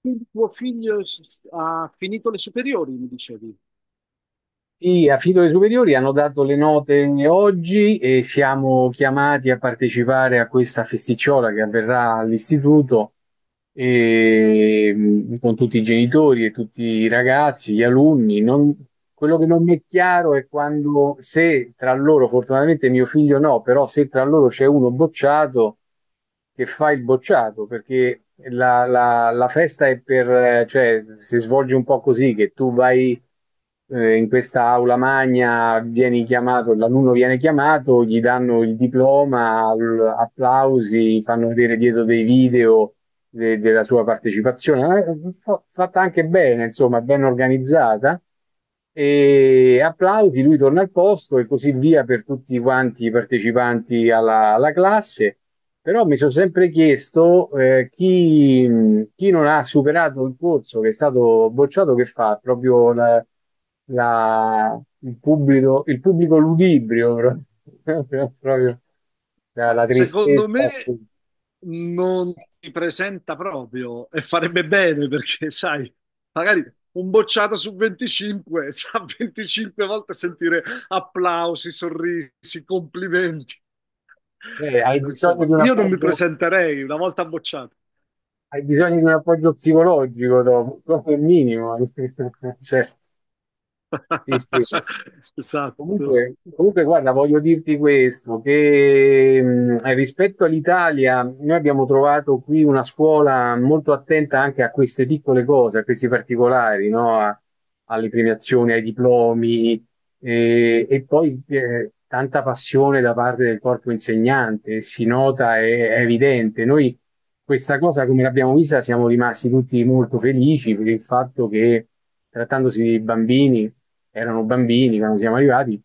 Quindi tuo figlio ha finito le superiori, mi dicevi. Sì, a Fido le superiori hanno dato le note oggi e siamo chiamati a partecipare a questa festicciola che avverrà all'istituto e, con tutti i genitori e tutti i ragazzi, gli alunni. Quello che non mi è chiaro è quando, se tra loro, fortunatamente mio figlio no, però se tra loro c'è uno bocciato, che fa il bocciato, perché la festa è cioè, si svolge un po' così, che tu vai in questa aula magna, vieni chiamato, l'alunno viene chiamato, gli danno il diploma, applausi, fanno vedere dietro dei video della sua partecipazione. Fatta anche bene, insomma, ben organizzata. E applausi, lui torna al posto e così via per tutti quanti i partecipanti alla classe. Però mi sono sempre chiesto chi non ha superato il corso, che è stato bocciato, che fa proprio il pubblico ludibrio, proprio la, Ma la secondo tristezza. me non si presenta proprio e farebbe bene perché, sai, magari un bocciato su 25 sa 25 volte sentire applausi, sorrisi, complimenti. Eh, hai No, bisogno insomma, di un io non mi appoggio, presenterei una volta bocciato. hai bisogno di un appoggio psicologico dopo, come minimo. Certo, sì, sì. Esatto. Comunque, guarda, voglio dirti questo, che rispetto all'Italia, noi abbiamo trovato qui una scuola molto attenta anche a queste piccole cose, a questi particolari, no? Alle premiazioni, ai diplomi, e poi tanta passione da parte del corpo insegnante, si nota, è evidente. Noi questa cosa, come l'abbiamo vista, siamo rimasti tutti molto felici per il fatto che, trattandosi di bambini, erano bambini quando siamo arrivati,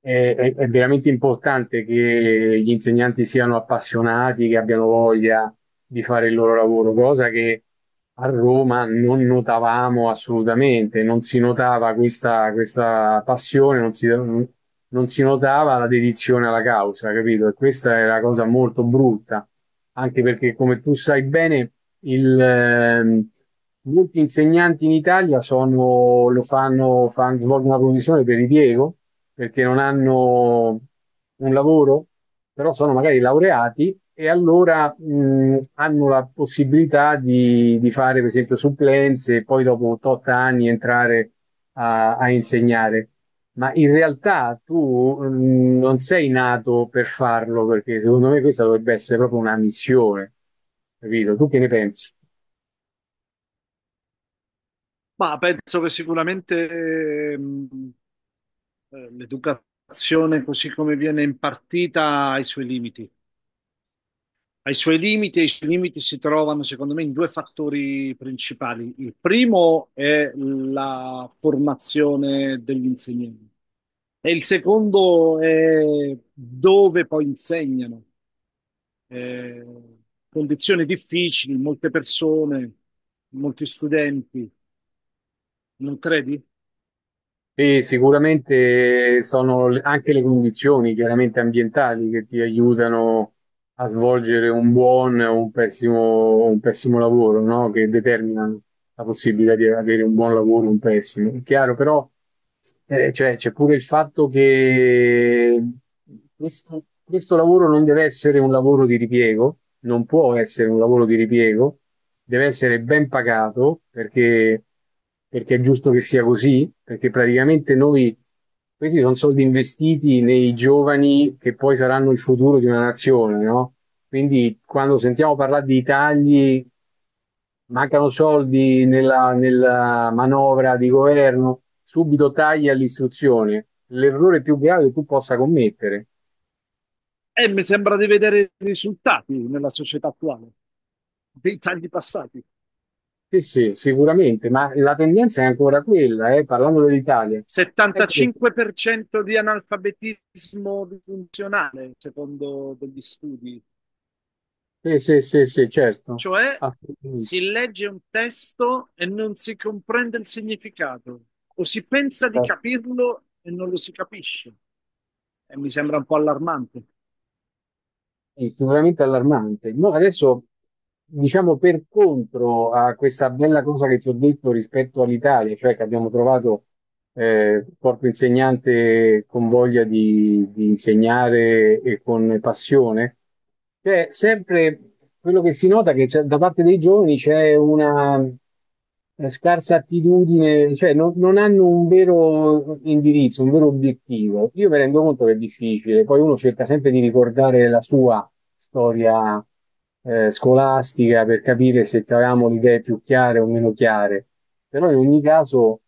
è veramente importante che gli insegnanti siano appassionati, che abbiano voglia di fare il loro lavoro, cosa che a Roma non notavamo assolutamente, non si notava questa passione, non si notava la dedizione alla causa, capito? E questa è una cosa molto brutta, anche perché, come tu sai bene, il, ehm, molti insegnanti in Italia sono, lo fanno, fan- svolgono una professione per ripiego, perché non hanno un lavoro, però sono magari laureati e allora hanno la possibilità di fare, per esempio, supplenze e poi dopo 8 anni entrare a insegnare. Ma in realtà tu non sei nato per farlo, perché secondo me questa dovrebbe essere proprio una missione, capito? Tu che ne pensi? Ma penso che sicuramente ehm, l'educazione così come viene impartita ha i suoi limiti. Ha i suoi limiti e i suoi limiti si trovano, secondo me, in due fattori principali. Il primo è la formazione degli insegnanti e il secondo è dove poi insegnano. Eh, condizioni difficili, molte persone, molti studenti, non credi? E sicuramente sono anche le condizioni chiaramente ambientali che ti aiutano a svolgere un buon o un pessimo lavoro, no? Che determinano la possibilità di avere un buon lavoro o un pessimo. È chiaro, però cioè, c'è pure il fatto che questo lavoro non deve essere un lavoro di ripiego, non può essere un lavoro di ripiego, deve essere ben pagato perché è giusto che sia così, perché praticamente noi, questi sono soldi investiti nei giovani che poi saranno il futuro di una nazione, no? Quindi quando sentiamo parlare di tagli, mancano soldi nella manovra di governo, subito tagli all'istruzione, l'errore più grave che tu possa commettere. E mi sembra di vedere i risultati nella società attuale, dei tagli passati. Sì, sì, sicuramente, ma la tendenza è ancora quella, parlando dell'Italia. Ecco, 75% di analfabetismo funzionale, secondo degli studi, sì, sì, sì, sì, certo, cioè assolutamente. si legge un testo e non si comprende il significato, o si pensa di capirlo e non lo si capisce. E mi sembra un po' allarmante. Sì, sicuramente allarmante. No, adesso, diciamo per contro a questa bella cosa che ti ho detto rispetto all'Italia, cioè che abbiamo trovato corpo insegnante con voglia di insegnare e con passione. Cioè, sempre quello che si nota è che da parte dei giovani c'è una scarsa attitudine, cioè non hanno un vero indirizzo, un vero obiettivo. Io mi rendo conto che è difficile, poi uno cerca sempre di ricordare la sua storia scolastica per capire se avevamo le idee più chiare o meno chiare. Però in ogni caso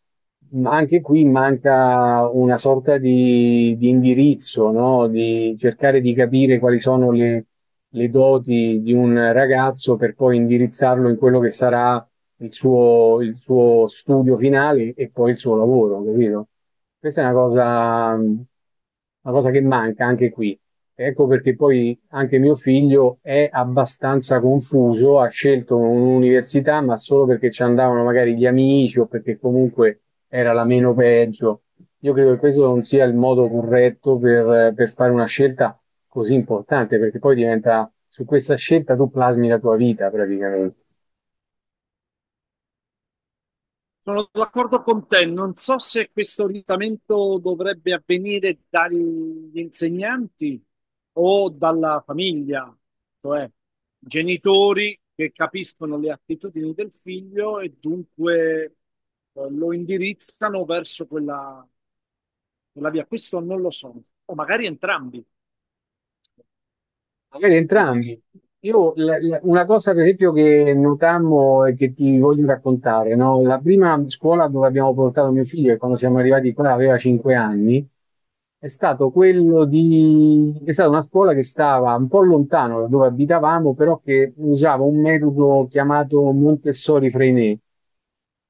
anche qui manca una sorta di indirizzo, no? Di cercare di capire quali sono le doti di un ragazzo per poi indirizzarlo in quello che sarà il suo studio finale e poi il suo lavoro, capito? Questa è una cosa che manca anche qui. Ecco perché poi anche mio figlio è abbastanza confuso, ha scelto un'università, ma solo perché ci andavano magari gli amici o perché comunque era la meno peggio. Io credo che questo non sia il modo corretto per fare una scelta così importante, perché poi diventa, su questa scelta tu plasmi la tua vita praticamente. Sono d'accordo con te, non so se questo orientamento dovrebbe avvenire dagli insegnanti o dalla famiglia, cioè genitori che capiscono le attitudini del figlio e dunque lo indirizzano verso quella, quella via. Questo non lo so, o magari entrambi, Magari saprei dire. entrambi. Io una cosa, per esempio, che notammo e che ti voglio raccontare, no? La prima scuola dove abbiamo portato mio figlio, e quando siamo arrivati qua aveva 5 anni, è stato quello di... è stata una scuola che stava un po' lontano da dove abitavamo, però che usava un metodo chiamato Montessori-Freinet.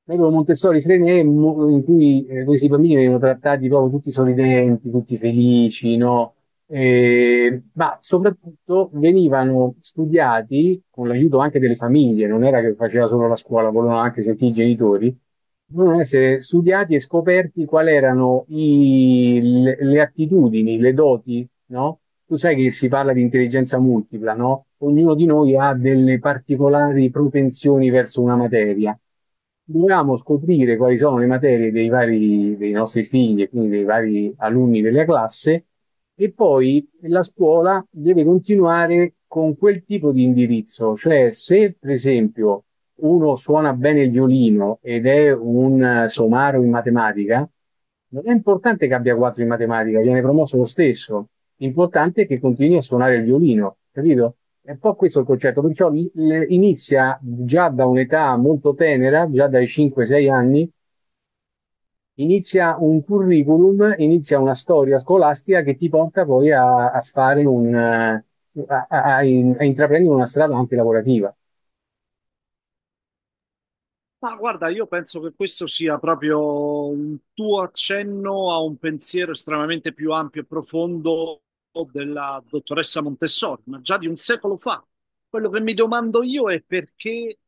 Metodo Montessori Freinet, in cui questi bambini venivano trattati proprio tutti sorridenti, tutti felici, no? Ma soprattutto venivano studiati con l'aiuto anche delle famiglie, non era che faceva solo la scuola, volevano anche sentire i genitori, dovevano essere studiati e scoperti quali erano le attitudini, le doti, no? Tu sai che si parla di intelligenza multipla, no? Ognuno di noi ha delle particolari propensioni verso una materia. Dovevamo scoprire quali sono le materie dei nostri figli e quindi dei vari alunni della classe, e poi la scuola deve continuare con quel tipo di indirizzo, cioè se per esempio uno suona bene il violino ed è un somaro in matematica, non è importante che abbia quattro in matematica, viene promosso lo stesso. L'importante è che continui a suonare il violino, capito? È un po' questo il concetto, perciò inizia già da un'età molto tenera, già dai 5-6 anni, inizia un curriculum, inizia una storia scolastica che ti porta poi a fare, un, a, a- a in- a intraprendere una strada anche lavorativa. Ma guarda, io penso che questo sia proprio un tuo accenno a un pensiero estremamente più ampio e profondo della dottoressa Montessori, ma già di un secolo fa. Quello che mi domando io è perché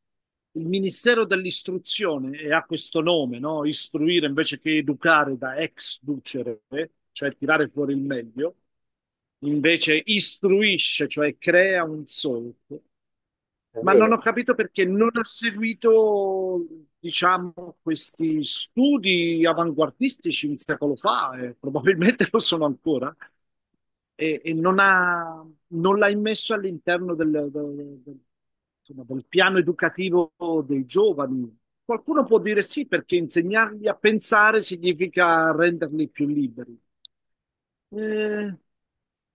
il Ministero dell'Istruzione, e ha questo nome, no? Istruire invece che educare da exducere, cioè tirare fuori il meglio, invece istruisce, cioè crea un solco. È Ma non ho vero. capito perché non ha seguito, diciamo, questi studi avanguardistici un secolo fa, e probabilmente lo sono ancora, e, non ha, non l'ha immesso all'interno del- insomma, del piano educativo dei giovani. Qualcuno può dire sì, perché insegnargli a pensare significa renderli più liberi. Eh,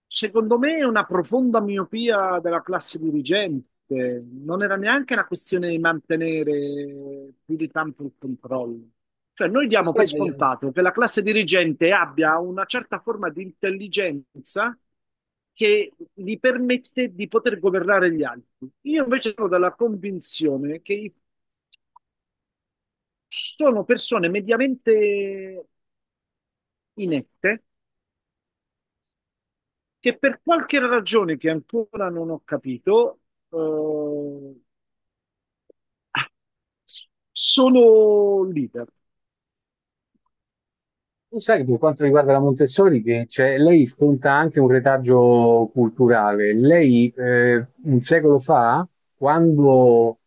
Secondo me è una profonda miopia della classe dirigente. Non era neanche una questione di mantenere più di tanto il controllo. Cioè, noi Tu diamo per sai che scontato che la classe dirigente abbia una certa forma di intelligenza che gli permette di poter governare gli altri. Io invece sono della convinzione che sono persone mediamente inette che per qualche ragione che ancora non ho capito, eh, sono leader. Tu sai che per quanto riguarda la Montessori, cioè, lei sconta anche un retaggio culturale. Lei un secolo fa, quando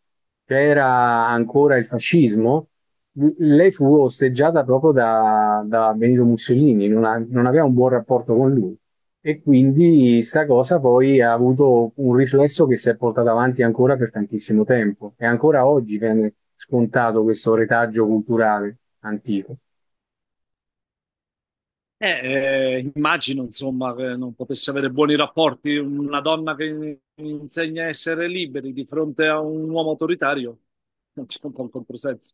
c'era ancora il fascismo, lei fu osteggiata proprio da Benito Mussolini, non aveva un buon rapporto con lui. E quindi sta cosa poi ha avuto un riflesso che si è portato avanti ancora per tantissimo tempo. E ancora oggi viene scontato questo retaggio culturale antico. Immagino, insomma, che non potesse avere buoni rapporti una donna che insegna a essere liberi di fronte a un uomo autoritario. Non c'è un po' un controsenso.